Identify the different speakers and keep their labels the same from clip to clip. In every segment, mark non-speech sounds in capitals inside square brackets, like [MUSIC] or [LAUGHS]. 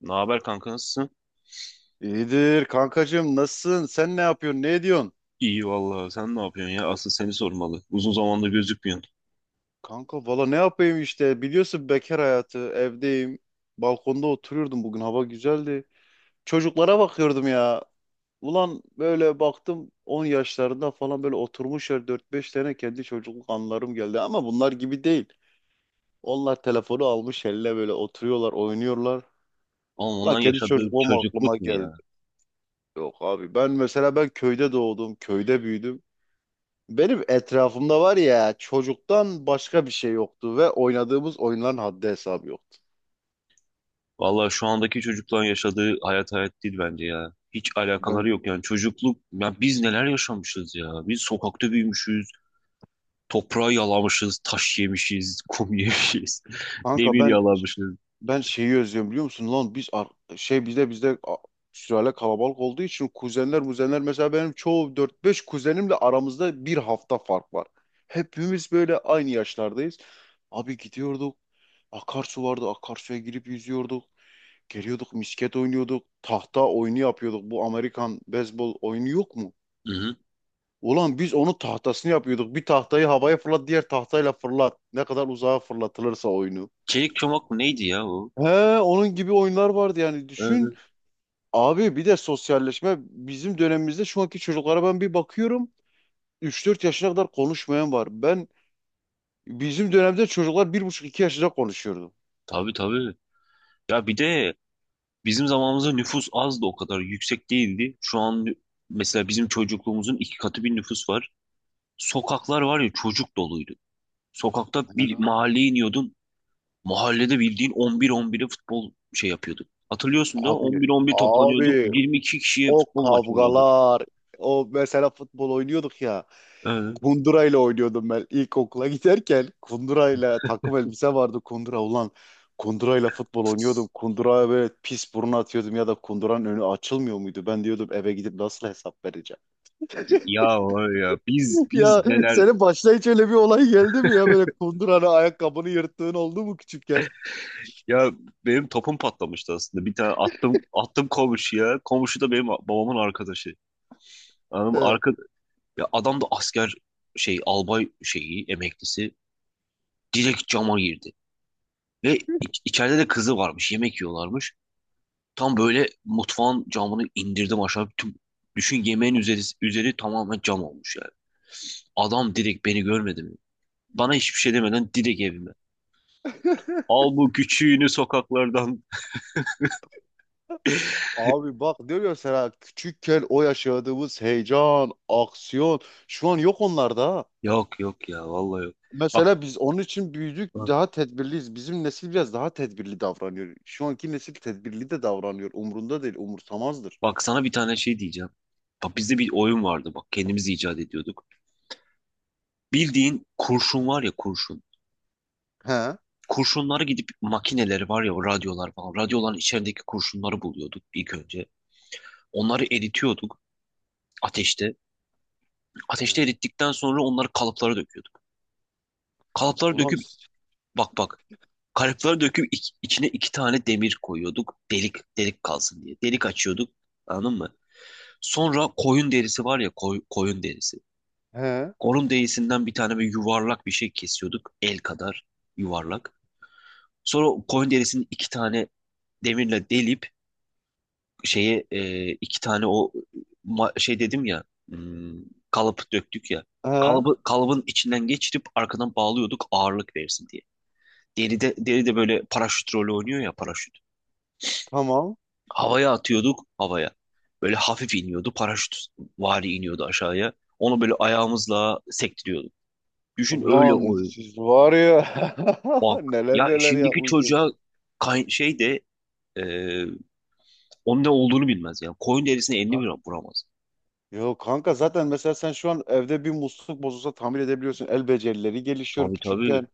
Speaker 1: Ne haber kanka, nasılsın?
Speaker 2: İyidir kankacığım, nasılsın? Sen ne yapıyorsun? Ne ediyorsun?
Speaker 1: İyi vallahi, sen ne yapıyorsun ya? Asıl seni sormalı. Uzun zamandır gözükmüyorsun.
Speaker 2: Kanka, valla ne yapayım işte, biliyorsun, bekar hayatı, evdeyim. Balkonda oturuyordum, bugün hava güzeldi. Çocuklara bakıyordum ya. Ulan böyle baktım, 10 yaşlarında falan böyle oturmuşlar dört beş tane, kendi çocukluk anılarım geldi. Ama bunlar gibi değil. Onlar telefonu almış eline, böyle oturuyorlar, oynuyorlar.
Speaker 1: Ama
Speaker 2: Ulan
Speaker 1: ondan
Speaker 2: kendi
Speaker 1: yaşadığı
Speaker 2: çocukluğum aklıma
Speaker 1: çocukluk mu
Speaker 2: geldi.
Speaker 1: ya?
Speaker 2: Yok abi, ben mesela ben köyde doğdum, köyde büyüdüm. Benim etrafımda var ya çocuktan başka bir şey yoktu ve oynadığımız oyunların haddi hesabı yoktu.
Speaker 1: Vallahi şu andaki çocukların yaşadığı hayat hayat değil bence ya. Hiç alakaları
Speaker 2: Ben
Speaker 1: yok yani çocukluk. Ya biz neler yaşamışız ya? Biz sokakta büyümüşüz. Toprağı yalamışız, taş yemişiz, kum [LAUGHS] yemişiz,
Speaker 2: kanka
Speaker 1: demir
Speaker 2: ben
Speaker 1: yalamışız.
Speaker 2: ben şeyi özlüyorum, biliyor musun lan? Şey bizde bizde a- Sülale kalabalık olduğu için kuzenler muzenler, mesela benim çoğu dört beş kuzenimle aramızda bir hafta fark var. Hepimiz böyle aynı yaşlardayız. Abi, gidiyorduk. Akarsu vardı. Akarsuya girip yüzüyorduk. Geliyorduk, misket oynuyorduk. Tahta oyunu yapıyorduk. Bu Amerikan beyzbol oyunu yok mu?
Speaker 1: Hı hı.
Speaker 2: Ulan biz onun tahtasını yapıyorduk. Bir tahtayı havaya fırlat, diğer tahtayla fırlat. Ne kadar uzağa fırlatılırsa oyunu.
Speaker 1: Çelik çomak mı neydi ya o?
Speaker 2: He, onun gibi oyunlar vardı yani, düşün.
Speaker 1: Evet.
Speaker 2: Abi, bir de sosyalleşme, bizim dönemimizde şu anki çocuklara ben bir bakıyorum. Üç dört yaşına kadar konuşmayan var. Ben bizim dönemde çocuklar bir buçuk iki yaşında konuşuyordu.
Speaker 1: Tabii tabii. Ya bir de bizim zamanımızda nüfus az da o kadar yüksek değildi. Mesela bizim çocukluğumuzun iki katı bir nüfus var. Sokaklar var ya, çocuk doluydu. Sokakta bir
Speaker 2: He.
Speaker 1: mahalleye iniyordun. Mahallede bildiğin 11-11'e futbol şey yapıyorduk. Hatırlıyorsun da
Speaker 2: Abi,
Speaker 1: 11-11 toplanıyorduk.
Speaker 2: abi,
Speaker 1: 22 kişiye
Speaker 2: o
Speaker 1: futbol maçı oynuyorduk.
Speaker 2: kavgalar, o mesela futbol oynuyorduk ya.
Speaker 1: Ee,
Speaker 2: Kundurayla oynuyordum ben, ilkokula giderken. Kundurayla, takım elbise vardı, kundura ulan. Kundurayla futbol oynuyordum. Kunduraya böyle pis burun atıyordum ya da kunduranın önü açılmıyor muydu? Ben diyordum eve gidip nasıl hesap vereceğim?
Speaker 1: ya var ya biz
Speaker 2: [LAUGHS] Ya,
Speaker 1: biz neler
Speaker 2: senin başına hiç öyle bir olay geldi mi ya? Böyle kunduranın ayakkabını yırttığın oldu mu küçükken?
Speaker 1: Ya benim topum patlamıştı aslında. Bir tane attım komşuya. Komşu da benim babamın arkadaşı. Anladın mı?
Speaker 2: He.
Speaker 1: Arka, ya adam da asker, şey, albay şeyi emeklisi, direkt cama girdi. Ve içeride de kızı varmış. Yemek yiyorlarmış. Tam böyle mutfağın camını indirdim aşağı. Tüm, düşün yemeğin üzeri tamamen cam olmuş yani. Adam direkt beni görmedi mi? Bana hiçbir şey demeden direkt evime. Al bu küçüğünü sokaklardan.
Speaker 2: Abi bak, diyor ya sana, küçükken o yaşadığımız heyecan, aksiyon şu an yok onlarda ha.
Speaker 1: [LAUGHS] Yok yok ya vallahi yok. Bak
Speaker 2: Mesela biz onun için büyüdük,
Speaker 1: bak
Speaker 2: daha tedbirliyiz. Bizim nesil biraz daha tedbirli davranıyor. Şu anki nesil tedbirli de davranıyor. Umrunda değil, umursamazdır.
Speaker 1: bak sana bir tane şey diyeceğim. Bak bizde bir oyun vardı, bak kendimiz icat ediyorduk. Bildiğin kurşun var ya, kurşun.
Speaker 2: He?
Speaker 1: Kurşunları, gidip makineleri var ya o radyolar falan. Radyoların içerideki kurşunları buluyorduk ilk önce. Onları eritiyorduk ateşte. Ateşte
Speaker 2: He?
Speaker 1: erittikten sonra onları kalıplara döküyorduk. Kalıplara
Speaker 2: Ulan
Speaker 1: döküp
Speaker 2: siz-
Speaker 1: Bak bak. Kalıplara döküp içine iki tane demir koyuyorduk. Delik delik kalsın diye. Delik açıyorduk. Anladın mı? Sonra koyun derisi var ya, koyun derisi.
Speaker 2: He?
Speaker 1: Koyun derisinden bir tane, bir yuvarlak bir şey kesiyorduk. El kadar yuvarlak. Sonra koyun derisini iki tane demirle delip şeye, iki tane o şey dedim ya, hmm, kalıp döktük ya,
Speaker 2: He?
Speaker 1: kalıbın içinden geçirip arkadan bağlıyorduk ağırlık versin diye. Deride böyle paraşüt rolü oynuyor ya, paraşüt.
Speaker 2: Tamam.
Speaker 1: Havaya atıyorduk havaya. Böyle hafif iniyordu, paraşüt vari iniyordu aşağıya. Onu böyle ayağımızla sektiriyorduk. Düşün öyle
Speaker 2: Ulan
Speaker 1: oyun.
Speaker 2: siz var ya, [LAUGHS]
Speaker 1: Bak,
Speaker 2: neler
Speaker 1: ya
Speaker 2: neler
Speaker 1: şimdiki
Speaker 2: yapmışsınız.
Speaker 1: çocuğa şey de, e, onun ne olduğunu bilmez yani. Koyun derisine elini bile
Speaker 2: Kanka-
Speaker 1: vuramaz.
Speaker 2: Yok kanka, zaten mesela sen şu an evde bir musluk bozulsa tamir edebiliyorsun. El becerileri gelişiyor
Speaker 1: Tabii tabii.
Speaker 2: küçükken.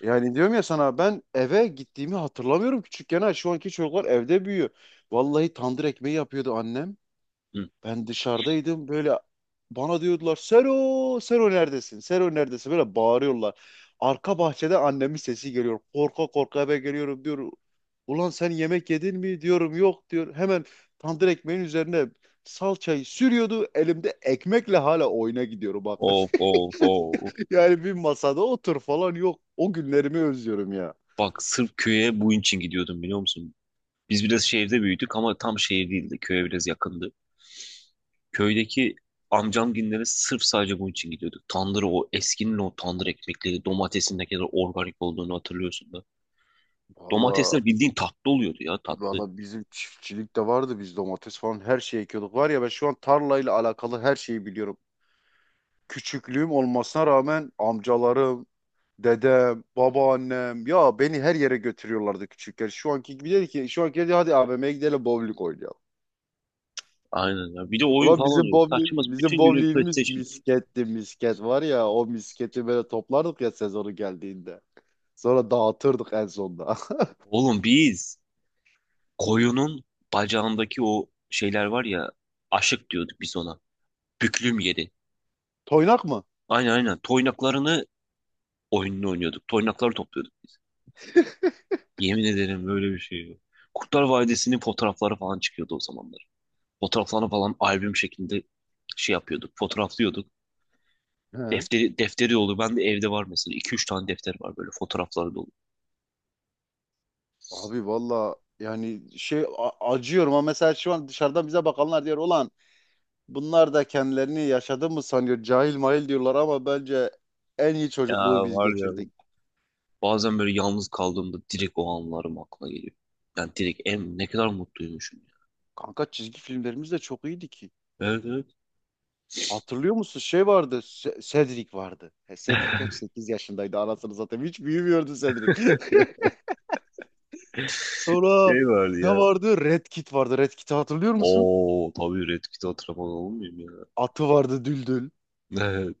Speaker 2: Yani diyorum ya sana, ben eve gittiğimi hatırlamıyorum küçükken ha. Şu anki çocuklar evde büyüyor. Vallahi tandır ekmeği yapıyordu annem. Ben dışarıdaydım, böyle bana diyordular: Sero, Sero neredesin? Sero neredesin? Böyle bağırıyorlar. Arka bahçede annemin sesi geliyor. Korka korka eve geliyorum, diyor: Ulan sen yemek yedin mi? Diyorum yok, diyor. Hemen tandır ekmeğin üzerine salçayı sürüyordu. Elimde ekmekle hala oyuna gidiyorum bak.
Speaker 1: Of
Speaker 2: [LAUGHS]
Speaker 1: of of.
Speaker 2: Yani bir masada otur falan yok. O günlerimi özlüyorum ya.
Speaker 1: Bak sırf köye bu için gidiyordum, biliyor musun? Biz biraz şehirde büyüdük ama tam şehir değildi. Köye biraz yakındı. Köydeki amcamginlere sırf sadece bunun için gidiyorduk. Tandırı, o eskinin o tandır ekmekleri, domatesin ne kadar organik olduğunu hatırlıyorsun da.
Speaker 2: Valla,
Speaker 1: Domatesler bildiğin tatlı oluyordu ya, tatlı.
Speaker 2: bizim çiftçilik de vardı, biz domates falan her şeyi ekiyorduk. Var ya, ben şu an tarlayla alakalı her şeyi biliyorum. Küçüklüğüm olmasına rağmen amcalarım, dedem, babaannem ya beni her yere götürüyorlardı küçükken. Şu anki dedi hadi AVM'ye gidelim, bowling oynayalım.
Speaker 1: Aynen ya. Bir de oyun
Speaker 2: Ulan
Speaker 1: falan oynuyoruz. Saçma,
Speaker 2: bizim
Speaker 1: bütün günü
Speaker 2: bowlingimiz
Speaker 1: PlayStation.
Speaker 2: misketti, misket var ya, o misketi böyle toplardık ya sezonu geldiğinde. Sonra dağıtırdık en sonda.
Speaker 1: Oğlum biz koyunun bacağındaki o şeyler var ya, aşık diyorduk biz ona. Büklüm yeri.
Speaker 2: [LAUGHS] Toynak mı?
Speaker 1: Aynen aynen. Toynaklarını, oyununu oynuyorduk. Toynakları topluyorduk biz. Yemin ederim böyle bir şey yok. Kurtlar Vadisi'nin fotoğrafları falan çıkıyordu o zamanlar. Fotoğraflarını falan albüm şeklinde şey yapıyorduk, fotoğraflıyorduk.
Speaker 2: He.
Speaker 1: Defteri dolu. Ben de evde var mesela. İki üç tane defter var, böyle fotoğrafları dolu.
Speaker 2: Abi valla, yani acıyorum, ama mesela şu an dışarıdan bize bakanlar diyor olan: Bunlar da kendilerini yaşadı mı sanıyor? Cahil mahil diyorlar, ama bence en iyi
Speaker 1: Ya
Speaker 2: çocukluğu biz
Speaker 1: var ya.
Speaker 2: geçirdik.
Speaker 1: Bazen böyle yalnız kaldığımda direkt o anlarım aklıma geliyor. Yani direkt ne kadar mutluymuşum ya.
Speaker 2: Kanka çizgi filmlerimiz de çok iyiydi ki.
Speaker 1: Evet evet.
Speaker 2: Hatırlıyor musun? Şey vardı. Cedric vardı. He, Cedric hep 8 yaşındaydı. Anasını, zaten hiç büyümüyordu Cedric. [LAUGHS]
Speaker 1: [LAUGHS]
Speaker 2: Sonra
Speaker 1: Şey vardı
Speaker 2: ne
Speaker 1: ya.
Speaker 2: vardı? Red Kit vardı. Red Kit'i hatırlıyor musun?
Speaker 1: Oo tabii, Red Kit'i hatırlamadan olmuyor ya.
Speaker 2: Atı vardı, Düldül.
Speaker 1: Evet.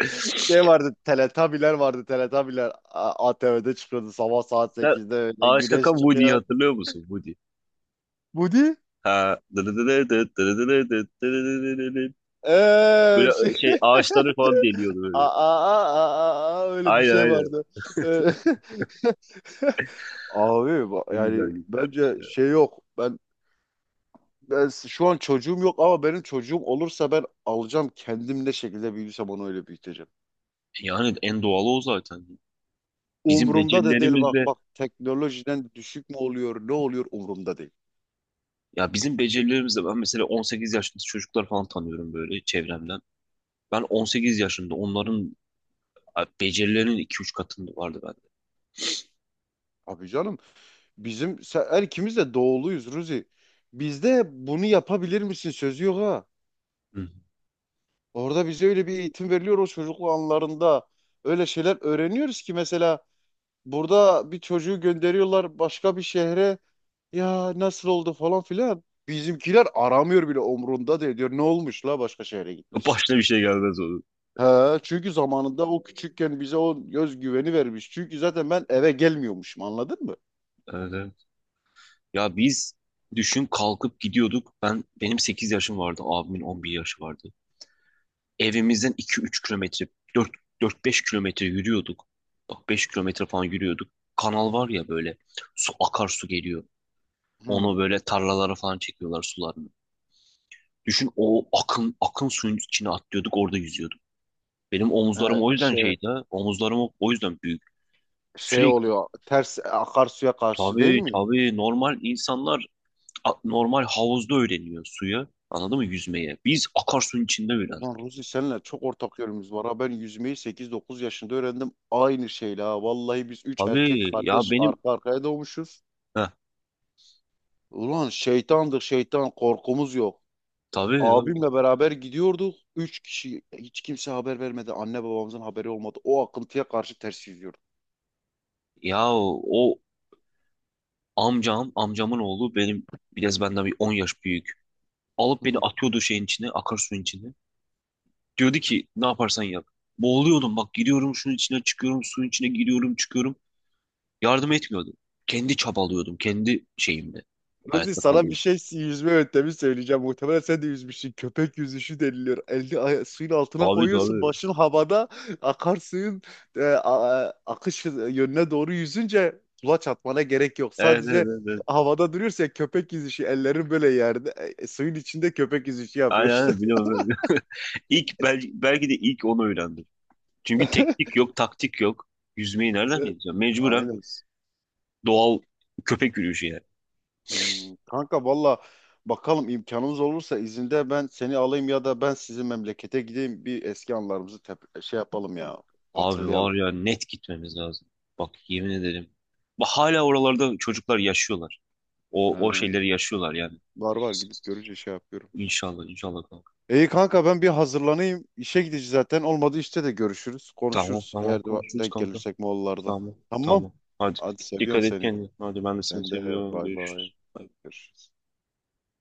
Speaker 1: [LAUGHS]
Speaker 2: Şey vardı. Teletabiler vardı. Teletabiler ATV'de çıkıyordu sabah saat
Speaker 1: Sen
Speaker 2: sekizde öyle.
Speaker 1: Ağaç Kakan
Speaker 2: Güneş
Speaker 1: Woody'yi
Speaker 2: çıkıyor.
Speaker 1: hatırlıyor musun? Woody.
Speaker 2: Budi?
Speaker 1: Ha. Böyle
Speaker 2: Şey...
Speaker 1: şey, ağaçları falan deliyordu
Speaker 2: Aa,
Speaker 1: böyle.
Speaker 2: aa, aa, aa, öyle bir
Speaker 1: Aynen
Speaker 2: şey
Speaker 1: aynen.
Speaker 2: vardı. Ee, [LAUGHS] Abi
Speaker 1: Ne güzel
Speaker 2: yani
Speaker 1: günler.
Speaker 2: bence şey yok. Ben şu an çocuğum yok, ama benim çocuğum olursa ben alacağım, kendim ne şekilde büyürsem onu öyle büyüteceğim.
Speaker 1: Yani en doğalı o zaten. Bizim
Speaker 2: Umurumda da değil, bak
Speaker 1: becerilerimizle
Speaker 2: bak teknolojiden düşük mü oluyor ne oluyor, umurumda değil.
Speaker 1: ya bizim becerilerimizle ben mesela 18 yaşında çocuklar falan tanıyorum böyle çevremden. Ben 18 yaşında onların becerilerinin 2-3 katında vardı bende.
Speaker 2: Abi canım, bizim sen, her ikimiz de doğuluyuz Ruzi. Bizde bunu yapabilir misin sözü yok ha.
Speaker 1: Hı.
Speaker 2: Orada bize öyle bir eğitim veriliyor, o çocukluk anlarında. Öyle şeyler öğreniyoruz ki mesela burada bir çocuğu gönderiyorlar başka bir şehre. Ya nasıl oldu falan filan. Bizimkiler aramıyor bile, umrunda değil, diyor ne olmuş la, başka şehre gitmişsin.
Speaker 1: Başına bir şey gelmez onun.
Speaker 2: He, çünkü zamanında o küçükken bize o göz güveni vermiş. Çünkü zaten ben eve gelmiyormuşum, anladın mı?
Speaker 1: Evet. Ya biz, düşün, kalkıp gidiyorduk. Benim 8 yaşım vardı. Abimin 11 yaşı vardı. Evimizden 2-3 kilometre, dört 4-5 kilometre yürüyorduk. Bak 5 kilometre falan yürüyorduk. Kanal var ya böyle, su, akarsu geliyor.
Speaker 2: Hmm.
Speaker 1: Onu böyle tarlalara falan çekiyorlar sularını. Düşün, o akın akın suyun içine atlıyorduk, orada yüzüyorduk. Benim
Speaker 2: He,
Speaker 1: omuzlarım o yüzden
Speaker 2: şey
Speaker 1: şeydi ha. Omuzlarım o yüzden büyük.
Speaker 2: şey
Speaker 1: Sürekli,
Speaker 2: oluyor ters, akarsuya karşı değil
Speaker 1: tabii
Speaker 2: mi?
Speaker 1: tabii, normal insanlar normal havuzda öğreniyor suyu. Anladın mı, yüzmeye? Biz akarsuyun içinde
Speaker 2: Ulan
Speaker 1: öğrendik.
Speaker 2: Ruzi, senle çok ortak yönümüz var ha. Ben yüzmeyi 8-9 yaşında öğrendim. Aynı şeyle ha. Vallahi biz 3 erkek
Speaker 1: Tabii ya
Speaker 2: kardeş
Speaker 1: benim,
Speaker 2: arka arkaya doğmuşuz.
Speaker 1: heh,
Speaker 2: Ulan şeytandır şeytan, korkumuz yok.
Speaker 1: tabii tabii.
Speaker 2: Abimle beraber gidiyorduk. Üç kişi, hiç kimse haber vermedi. Anne babamızın haberi olmadı. O akıntıya karşı ters yüzüyorduk.
Speaker 1: Ya o amcam, amcamın oğlu benim, biraz benden bir 10 yaş büyük. Alıp
Speaker 2: [LAUGHS]
Speaker 1: beni
Speaker 2: Hı.
Speaker 1: atıyordu şeyin içine, akarsuyun içine. Diyordu ki ne yaparsan yap. Boğuluyordum, bak giriyorum şunun içine, çıkıyorum, suyun içine giriyorum, çıkıyorum. Yardım etmiyordu. Kendi çabalıyordum, kendi şeyimle.
Speaker 2: Ruzi,
Speaker 1: Hayatta
Speaker 2: sana bir
Speaker 1: kalıyordum.
Speaker 2: şey, yüzme yöntemi söyleyeceğim. Muhtemelen sen de yüzmüşsün. Köpek yüzüşü deniliyor. Elini suyun altına
Speaker 1: Tabii
Speaker 2: koyuyorsun.
Speaker 1: tabii.
Speaker 2: Başın havada. Akarsuyun akış yönüne doğru yüzünce kulaç atmana gerek yok.
Speaker 1: Evet evet
Speaker 2: Sadece
Speaker 1: evet. evet.
Speaker 2: havada duruyorsun, köpek yüzüşü. Ellerin böyle yerde. Suyun içinde köpek yüzüşü
Speaker 1: Aynen
Speaker 2: yapıyorsun.
Speaker 1: aynen, biliyorum. Belki de ilk onu öğrendim. Çünkü teknik
Speaker 2: [LAUGHS]
Speaker 1: yok, taktik yok. Yüzmeyi nereden bileceğim? Mecburen
Speaker 2: Aynen.
Speaker 1: doğal köpek yürüyüşü yani.
Speaker 2: Hmm, kanka valla bakalım, imkanımız olursa izinde ben seni alayım ya da ben sizin memlekete gideyim, bir eski anılarımızı şey yapalım ya,
Speaker 1: Abi
Speaker 2: hatırlayalım.
Speaker 1: var ya, net gitmemiz lazım. Bak yemin ederim. Bak hala oralarda çocuklar yaşıyorlar. O
Speaker 2: Ee,
Speaker 1: şeyleri yaşıyorlar yani.
Speaker 2: var var, gidip görünce şey yapıyorum.
Speaker 1: İnşallah inşallah kanka.
Speaker 2: İyi kanka, ben bir hazırlanayım. İşe gideceğiz zaten. Olmadı işte de görüşürüz,
Speaker 1: Tamam
Speaker 2: konuşuruz.
Speaker 1: tamam,
Speaker 2: Eğer de
Speaker 1: konuşuruz
Speaker 2: denk
Speaker 1: kanka.
Speaker 2: gelirsek Moğollarda.
Speaker 1: Tamam
Speaker 2: Tamam.
Speaker 1: tamam. Hadi,
Speaker 2: Hadi, seviyorum
Speaker 1: dikkat et
Speaker 2: seni.
Speaker 1: kendine. Hadi ben de seni
Speaker 2: Sen de,
Speaker 1: seviyorum.
Speaker 2: bay bay.
Speaker 1: Görüşürüz.
Speaker 2: Görüşürüz.